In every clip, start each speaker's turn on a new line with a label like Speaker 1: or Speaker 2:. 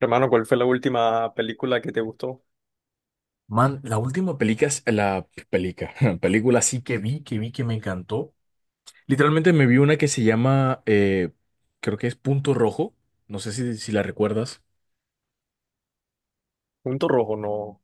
Speaker 1: Hermano, ¿cuál fue la última película que te gustó?
Speaker 2: Man, la última película, película sí que vi, que me encantó. Literalmente me vi una que se llama, creo que es Punto Rojo. No sé si la recuerdas.
Speaker 1: ¿Punto Rojo? No,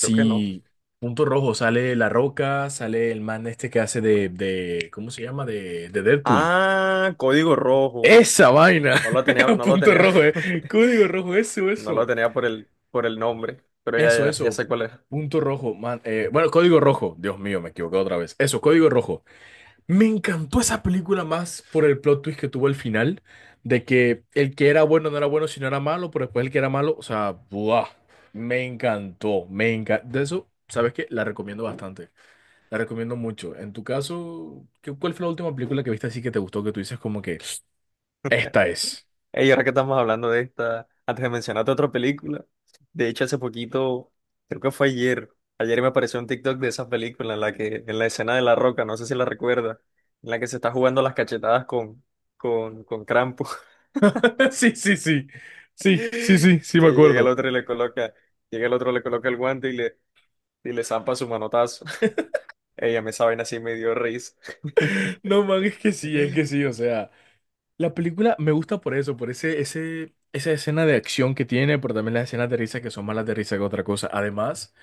Speaker 1: creo que no.
Speaker 2: Punto Rojo, sale La Roca, sale el man este que hace de ¿cómo se llama? De Deadpool.
Speaker 1: Ah, Código Rojo.
Speaker 2: Esa vaina.
Speaker 1: No lo tenía, no lo
Speaker 2: Punto
Speaker 1: tenía,
Speaker 2: Rojo, Código Rojo, eso,
Speaker 1: no lo
Speaker 2: eso.
Speaker 1: tenía por el nombre, pero ya,
Speaker 2: Eso,
Speaker 1: ya, ya
Speaker 2: eso.
Speaker 1: sé cuál es.
Speaker 2: Punto Rojo, man. Bueno, Código Rojo. Dios mío, me equivoqué otra vez. Eso, Código Rojo. Me encantó esa película más por el plot twist que tuvo el final, de que el que era bueno no era bueno, sino era malo, pero después el que era malo, o sea, ¡buah! Me encantó, me encantó. De eso, ¿sabes qué? La recomiendo bastante, la recomiendo mucho. En tu caso, ¿cuál fue la última película que viste así que te gustó, que tú dices como que, esta es?
Speaker 1: Ey, ahora que estamos hablando de esta, antes de mencionarte otra película, de hecho hace poquito, creo que fue ayer, me apareció un TikTok de esa película en la que, en la escena de La Roca, no sé si la recuerdas, en la que se está jugando las cachetadas con Krampus.
Speaker 2: Sí, sí, sí, sí, sí, sí,
Speaker 1: Que
Speaker 2: sí, sí, me
Speaker 1: llega el
Speaker 2: acuerdo.
Speaker 1: otro y llega el otro, le coloca el guante y le zampa su manotazo. Ella me esa así me dio risa.
Speaker 2: No, man, es que sí, o sea. La película me gusta por eso, por ese, esa escena de acción que tiene, pero también las escenas de risa que son más las de risa que otra cosa. Además,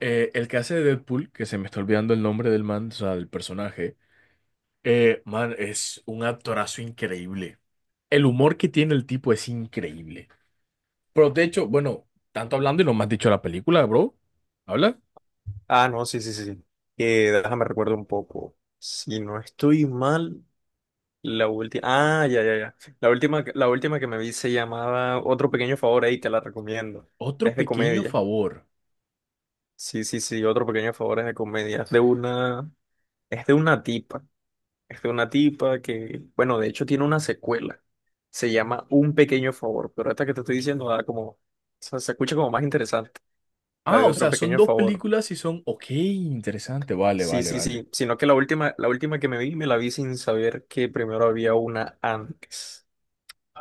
Speaker 2: el que hace de Deadpool, que se me está olvidando el nombre del man, o sea, del personaje, man, es un actorazo increíble. El humor que tiene el tipo es increíble. Pero de hecho, bueno, tanto hablando y no me has dicho la película, bro. ¿Habla?
Speaker 1: Ah, no, sí, sí, sí. Déjame recuerdo un poco. Si no estoy mal, la última. Ah, ya, ya, ya. La última que me vi se llamaba Otro Pequeño Favor, ahí te la recomiendo.
Speaker 2: Otro
Speaker 1: Es de
Speaker 2: pequeño
Speaker 1: comedia.
Speaker 2: favor.
Speaker 1: Sí, sí, sí, Otro Pequeño Favor es de comedia. Es de una tipa. Es de una tipa que, bueno, de hecho tiene una secuela. Se llama Un Pequeño Favor, pero esta que te estoy diciendo da como, o sea, se escucha como más interesante, la
Speaker 2: Ah,
Speaker 1: de
Speaker 2: o
Speaker 1: Otro
Speaker 2: sea, son
Speaker 1: Pequeño
Speaker 2: dos
Speaker 1: Favor.
Speaker 2: películas y son, ok, interesante, vale,
Speaker 1: Sí,
Speaker 2: vale,
Speaker 1: sí,
Speaker 2: vale.
Speaker 1: sí, sino que la última que me vi, me la vi sin saber que primero había una antes.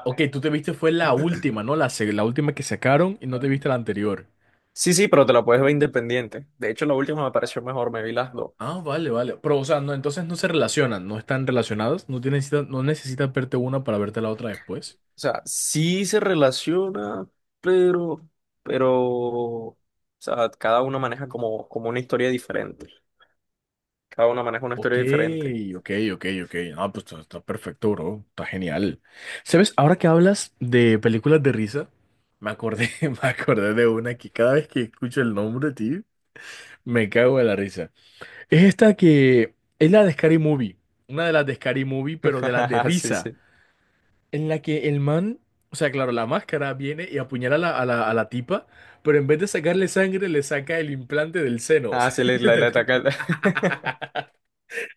Speaker 2: Ok, tú te viste fue la última, ¿no? La última que sacaron y no te viste la anterior.
Speaker 1: Sí, sí, pero te la puedes ver independiente. De hecho, la última me pareció mejor, me vi las dos.
Speaker 2: Ah, vale, vale. Pero, o sea, no, entonces no se relacionan, no están relacionadas, no tienes, no necesitas verte una para verte la otra después.
Speaker 1: O sea, sí se relaciona, pero, o sea, cada uno maneja como, como una historia diferente. Cada uno maneja una
Speaker 2: Ok,
Speaker 1: historia diferente.
Speaker 2: ok, ok, ok. Ah, pues está, está perfecto, bro. Está genial. ¿Sabes? Ahora que hablas de películas de risa, me acordé, me acordé de una que cada vez que escucho el nombre, tío, me cago de la risa. Es esta que Es la de Scary Movie. Una de las de Scary Movie, pero de las de
Speaker 1: Sí,
Speaker 2: risa.
Speaker 1: sí.
Speaker 2: En la que el man, o sea, claro, la máscara viene y apuñala a la tipa, pero en vez de sacarle sangre, le saca el implante del seno. O
Speaker 1: Ah,
Speaker 2: sea,
Speaker 1: sí, le, le,
Speaker 2: ¿te
Speaker 1: le
Speaker 2: acuerdas?
Speaker 1: ataca el-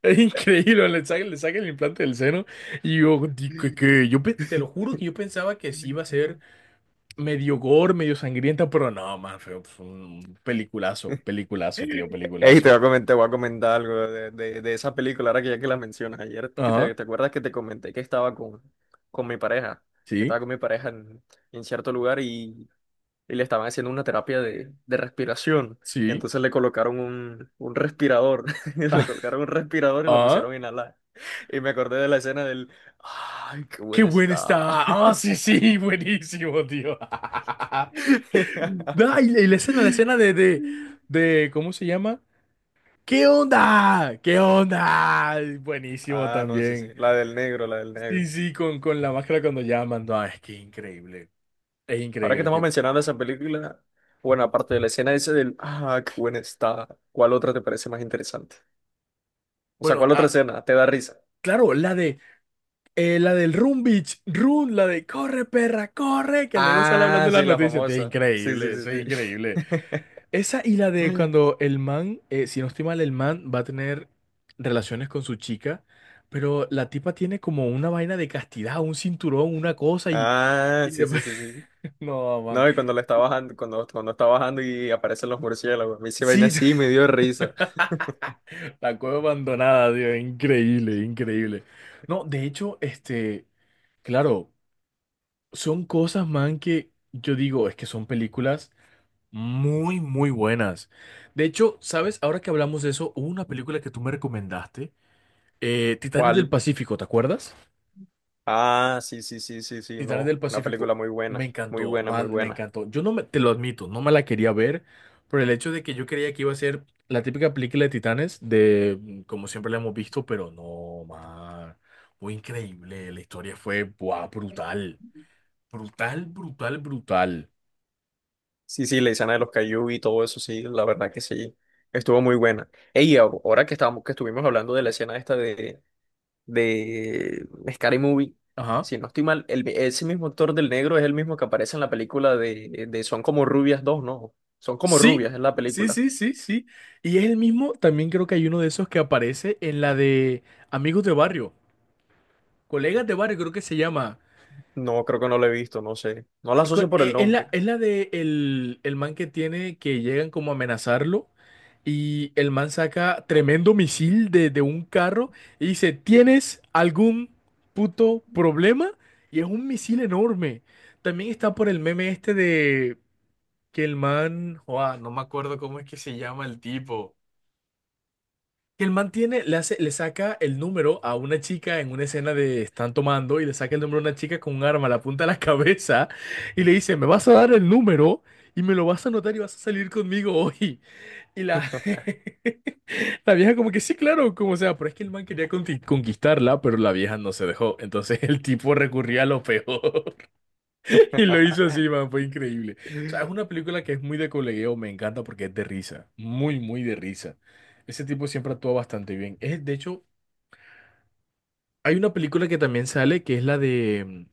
Speaker 2: Es increíble, le saca el implante del seno. Y yo, te lo juro que yo pensaba que sí iba a ser medio gore, medio sangrienta, pero no, man, fue un peliculazo, peliculazo, tío,
Speaker 1: Ey, te
Speaker 2: peliculazo.
Speaker 1: voy a comentar algo de esa película, ahora que ya que la mencionas. Ayer, que te,
Speaker 2: Ajá,
Speaker 1: ¿te acuerdas que te comenté que estaba con mi pareja?
Speaker 2: sí,
Speaker 1: Estaba con mi pareja en cierto lugar y le estaban haciendo una terapia de respiración.
Speaker 2: sí.
Speaker 1: Entonces le colocaron un respirador, le colocaron un respirador y lo
Speaker 2: Ah,
Speaker 1: pusieron a inhalar. Y me acordé de la escena del, ay, qué
Speaker 2: qué
Speaker 1: buena
Speaker 2: buena
Speaker 1: está.
Speaker 2: está. Ah, sí, sí, buenísimo, tío. Ah, y la escena, ¿cómo se llama? ¿Qué onda? ¿Qué onda? Ay, buenísimo
Speaker 1: Ah, no, sí, sí,
Speaker 2: también.
Speaker 1: la del negro, la del
Speaker 2: Sí,
Speaker 1: negro.
Speaker 2: sí, con la máscara cuando llaman. No, es que increíble. Es
Speaker 1: Ahora que
Speaker 2: increíble,
Speaker 1: estamos
Speaker 2: tío.
Speaker 1: mencionando esa película, bueno, aparte de la escena esa del, ah, qué buena está, ¿cuál otra te parece más interesante? O sea,
Speaker 2: Bueno,
Speaker 1: ¿cuál otra escena te da risa?
Speaker 2: claro, la del Run Beach, Run, la de corre, perra, corre, que el negro sale
Speaker 1: Ah,
Speaker 2: hablando en
Speaker 1: sí,
Speaker 2: las
Speaker 1: la
Speaker 2: noticias, tío. Es
Speaker 1: famosa. Sí, sí,
Speaker 2: increíble, eso es
Speaker 1: sí,
Speaker 2: increíble. Esa y la de
Speaker 1: sí.
Speaker 2: cuando el man, si no estoy mal, el man va a tener relaciones con su chica, pero la tipa tiene como una vaina de castidad, un cinturón, una cosa y...
Speaker 1: Ah,
Speaker 2: y
Speaker 1: sí, sí,
Speaker 2: después-
Speaker 1: sí, sí.
Speaker 2: No, man.
Speaker 1: No, y cuando la está bajando, cuando, cuando está bajando y aparecen los murciélagos, a mí se vaina
Speaker 2: Sí,
Speaker 1: así y me dio risa.
Speaker 2: la cueva abandonada, tío, increíble, increíble. No, de hecho, claro, son cosas, man, que yo digo, es que son películas muy, muy buenas. De hecho, ¿sabes? Ahora que hablamos de eso, hubo una película que tú me recomendaste. Titanes del
Speaker 1: ¿Cuál?
Speaker 2: Pacífico, ¿te acuerdas?
Speaker 1: Ah, sí, sí, sí, sí, sí,
Speaker 2: Titanes
Speaker 1: no,
Speaker 2: del
Speaker 1: una película
Speaker 2: Pacífico.
Speaker 1: muy
Speaker 2: Me
Speaker 1: buena, muy
Speaker 2: encantó,
Speaker 1: buena, muy
Speaker 2: man, me
Speaker 1: buena.
Speaker 2: encantó. Yo no me, te lo admito, no me la quería ver por el hecho de que yo creía que iba a ser la típica película de Titanes, de como siempre la hemos visto, pero no, man. Fue increíble. La historia fue, buah, brutal. Brutal, brutal, brutal.
Speaker 1: Sí, sí, la escena de los Caillou y todo eso, sí, la verdad que sí, estuvo muy buena. Ey, ahora que estábamos, que estuvimos hablando de la escena esta de, de Scary Movie,
Speaker 2: Ajá.
Speaker 1: si no estoy mal, el, ese mismo actor del negro es el mismo que aparece en la película de Son como rubias 2, ¿no? Son como
Speaker 2: Sí,
Speaker 1: rubias, es la
Speaker 2: sí,
Speaker 1: película.
Speaker 2: sí, sí, sí. Y es el mismo, también creo que hay uno de esos que aparece en la de Amigos de Barrio. Colegas de Barrio, creo que se llama.
Speaker 1: No, creo que no la he visto, no sé. No la asocio por el nombre.
Speaker 2: Es la de el man que tiene que llegan como a amenazarlo y el man saca tremendo misil de un carro y dice, ¿tienes algún puto problema? Y es un misil enorme. También está por el meme este de que el man, joa, no me acuerdo cómo es que se llama el tipo. Que el man tiene, le hace, le saca el número a una chica en una escena de están tomando y le saca el número a una chica con un arma, la apunta a la cabeza y le dice, me vas a dar el número y me lo vas a anotar y vas a salir conmigo hoy. Y la, la vieja como que sí, claro, como sea, pero es que el man quería conquistarla, pero la vieja no se dejó. Entonces el tipo recurría a lo peor y lo hizo así, man, fue increíble. O sea, es una película que es muy de colegueo, me encanta porque es de risa, muy, muy de risa. Ese tipo siempre actúa bastante bien. Es, de hecho, hay una película que también sale que es la de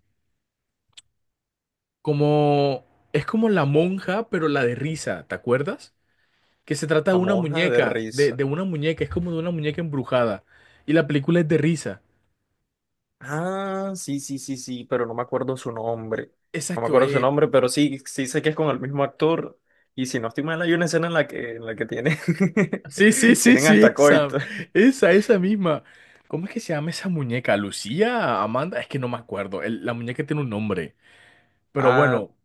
Speaker 2: como es como La Monja, pero la de risa, ¿te acuerdas? Que se trata de
Speaker 1: La
Speaker 2: una
Speaker 1: monja de
Speaker 2: muñeca,
Speaker 1: risa.
Speaker 2: de una muñeca, es como de una muñeca embrujada. Y la película es de risa.
Speaker 1: Ah, sí, sí, sí, sí, pero no me acuerdo su nombre. No me
Speaker 2: Exacto,
Speaker 1: acuerdo su nombre, pero sí, sí sé que es con el mismo actor. Y si no estoy mal, hay una escena en la que tiene,
Speaker 2: sí, sí, sí,
Speaker 1: tienen
Speaker 2: sí,
Speaker 1: hasta
Speaker 2: esa,
Speaker 1: coito.
Speaker 2: esa, esa misma. ¿Cómo es que se llama esa muñeca? ¿Lucía? ¿Amanda? Es que no me acuerdo. La muñeca tiene un nombre. Pero
Speaker 1: Ah,
Speaker 2: bueno,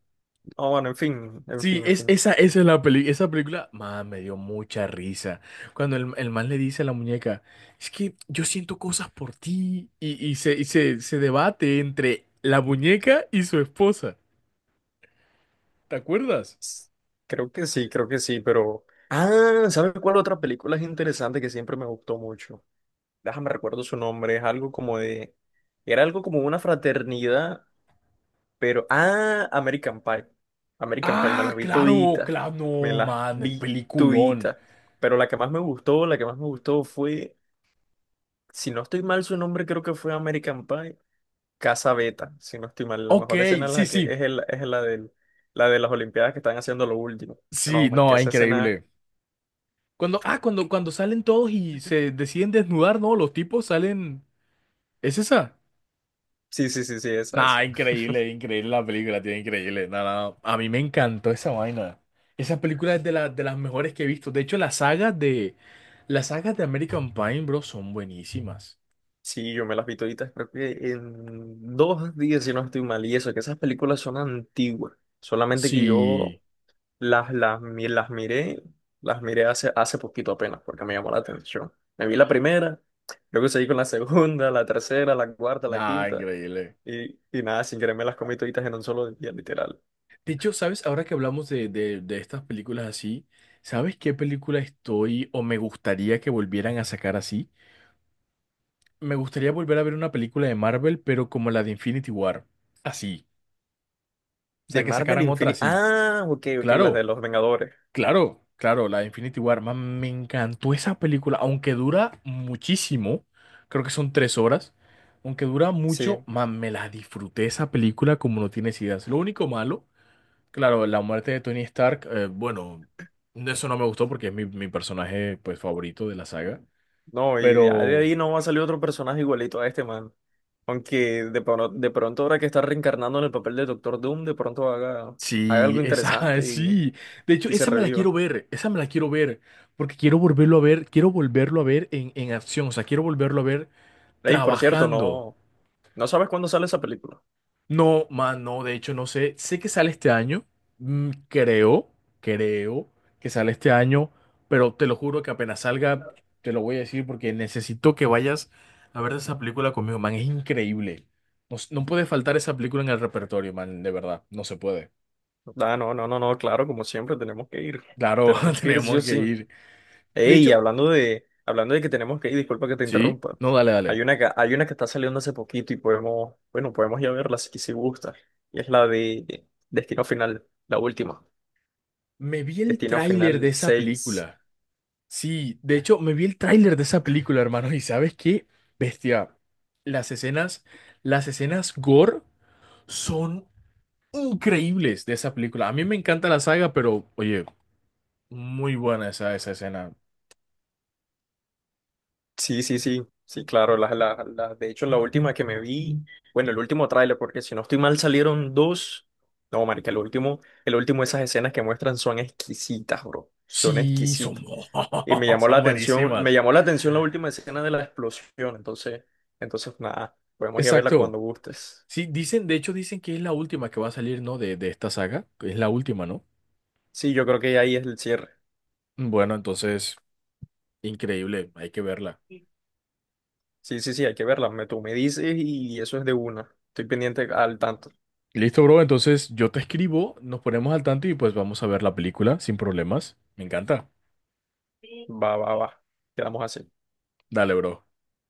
Speaker 1: no, bueno, en fin, en
Speaker 2: sí,
Speaker 1: fin, en fin.
Speaker 2: esa, esa es la película. Esa película, man, me dio mucha risa. Cuando el man le dice a la muñeca, es que yo siento cosas por ti. Y, y se, se debate entre la muñeca y su esposa. ¿Te acuerdas?
Speaker 1: S- creo que sí, pero... Ah, ¿sabes cuál otra película es interesante que siempre me gustó mucho? Déjame recuerdo su nombre, es algo como de, era algo como una fraternidad, pero, ah, American Pie, American Pie, me las
Speaker 2: Ah,
Speaker 1: vi
Speaker 2: claro,
Speaker 1: todita,
Speaker 2: claro,
Speaker 1: me
Speaker 2: no,
Speaker 1: las
Speaker 2: man,
Speaker 1: vi
Speaker 2: peliculón.
Speaker 1: todita, pero la que más me gustó, la que más me gustó fue, si no estoy mal su nombre, creo que fue American Pie, Casa Beta, si no estoy mal, la
Speaker 2: Ok,
Speaker 1: mejor escena es
Speaker 2: sí,
Speaker 1: la que,
Speaker 2: sí.
Speaker 1: es el, es la del, la de las Olimpiadas que están haciendo lo último,
Speaker 2: Sí,
Speaker 1: no, marqué
Speaker 2: no,
Speaker 1: esa escena,
Speaker 2: increíble. Cuando, cuando salen todos y se deciden desnudar, ¿no? Los tipos salen. ¿Es esa?
Speaker 1: sí, sí, sí, sí, esa,
Speaker 2: Nah,
Speaker 1: esa.
Speaker 2: increíble, increíble la película, tío, increíble. Nah, nah, nah. A mí me encantó esa vaina. Esa película es de las mejores que he visto. De hecho, las sagas de American Pie, bro, son buenísimas.
Speaker 1: Sí, yo me las vi toditas, creo que en 2 días, si no estoy mal, y eso, que esas películas son antiguas, solamente que yo
Speaker 2: Sí,
Speaker 1: las, mi- las miré hace, hace poquito apenas, porque me llamó la atención. Me vi la primera, luego seguí con la segunda, la tercera, la cuarta, la
Speaker 2: nada,
Speaker 1: quinta,
Speaker 2: increíble.
Speaker 1: y nada, sin querer me las comí toditas en un solo día, literal.
Speaker 2: De hecho, ¿sabes? Ahora que hablamos de estas películas así, ¿sabes qué película estoy o me gustaría que volvieran a sacar así? Me gustaría volver a ver una película de Marvel, pero como la de Infinity War. Así. O
Speaker 1: De
Speaker 2: sea, que
Speaker 1: Marvel
Speaker 2: sacaran otra
Speaker 1: Infinity,
Speaker 2: así.
Speaker 1: ah, ok, ok, las de
Speaker 2: Claro.
Speaker 1: los Vengadores,
Speaker 2: Claro, claro, la de Infinity War, man, me encantó esa película, aunque dura muchísimo, creo que son 3 horas, aunque dura mucho,
Speaker 1: sí.
Speaker 2: man, me la disfruté esa película como no tienes ideas. Lo único malo, claro, la muerte de Tony Stark, bueno, eso no me gustó porque es mi personaje pues favorito de la saga,
Speaker 1: No, y de
Speaker 2: pero
Speaker 1: ahí no va a salir otro personaje igualito a este, man. Aunque de pronto ahora que está reencarnando en el papel de Doctor Doom, de pronto haga, haga
Speaker 2: sí,
Speaker 1: algo
Speaker 2: esa,
Speaker 1: interesante
Speaker 2: sí, de hecho,
Speaker 1: y se
Speaker 2: esa me la
Speaker 1: reviva.
Speaker 2: quiero ver, esa me la quiero ver, porque quiero volverlo a ver, quiero volverlo a ver en acción, o sea, quiero volverlo a ver
Speaker 1: Ey, por cierto,
Speaker 2: trabajando.
Speaker 1: no, no sabes cuándo sale esa película.
Speaker 2: No, man, no, de hecho no sé, sé que sale este año, creo, creo que sale este año, pero te lo juro que apenas salga, te lo voy a decir porque necesito que vayas a ver esa película conmigo, man, es increíble. No, no puede faltar esa película en el repertorio, man, de verdad, no se puede.
Speaker 1: Ah, no, no, no, no, claro, como siempre, tenemos que ir.
Speaker 2: Claro,
Speaker 1: Tenemos que ir sí
Speaker 2: tenemos
Speaker 1: o
Speaker 2: que
Speaker 1: sí.
Speaker 2: ir. De
Speaker 1: Ey,
Speaker 2: hecho,
Speaker 1: hablando de que tenemos que ir, disculpa que te
Speaker 2: sí,
Speaker 1: interrumpa.
Speaker 2: no, dale, dale.
Speaker 1: Hay una que está saliendo hace poquito y podemos, bueno, podemos ir a verla si gusta. Y es la de Destino Final, la última.
Speaker 2: Me vi el
Speaker 1: Destino
Speaker 2: tráiler de
Speaker 1: Final
Speaker 2: esa
Speaker 1: seis.
Speaker 2: película. Sí, de hecho, me vi el tráiler de esa película, hermano, y ¿sabes qué? Bestia, las escenas, las escenas gore son increíbles de esa película. A mí me encanta la saga, pero oye, muy buena esa, esa escena.
Speaker 1: Sí, sí, sí, sí, claro. Las de hecho, la última que me vi, bueno, el último tráiler, porque si no estoy mal salieron dos. No, marica, el último, esas escenas que muestran son exquisitas, bro. Son
Speaker 2: Sí, son,
Speaker 1: exquisitas. Y me llamó la
Speaker 2: son
Speaker 1: atención, me
Speaker 2: buenísimas.
Speaker 1: llamó la atención la última escena de la explosión. Entonces, entonces nada, podemos ir a verla
Speaker 2: Exacto.
Speaker 1: cuando gustes.
Speaker 2: Sí, dicen, de hecho, dicen que es la última que va a salir, ¿no? De esta saga, que es la última, ¿no?
Speaker 1: Sí, yo creo que ahí es el cierre.
Speaker 2: Bueno, entonces, increíble, hay que verla.
Speaker 1: Sí, sí, sí, hay que verla. Me, tú me dices y eso es de una. Estoy pendiente al tanto.
Speaker 2: Listo, bro. Entonces yo te escribo, nos ponemos al tanto y pues vamos a ver la película sin problemas. Me encanta.
Speaker 1: Va, va, va. Quedamos así.
Speaker 2: Dale, bro.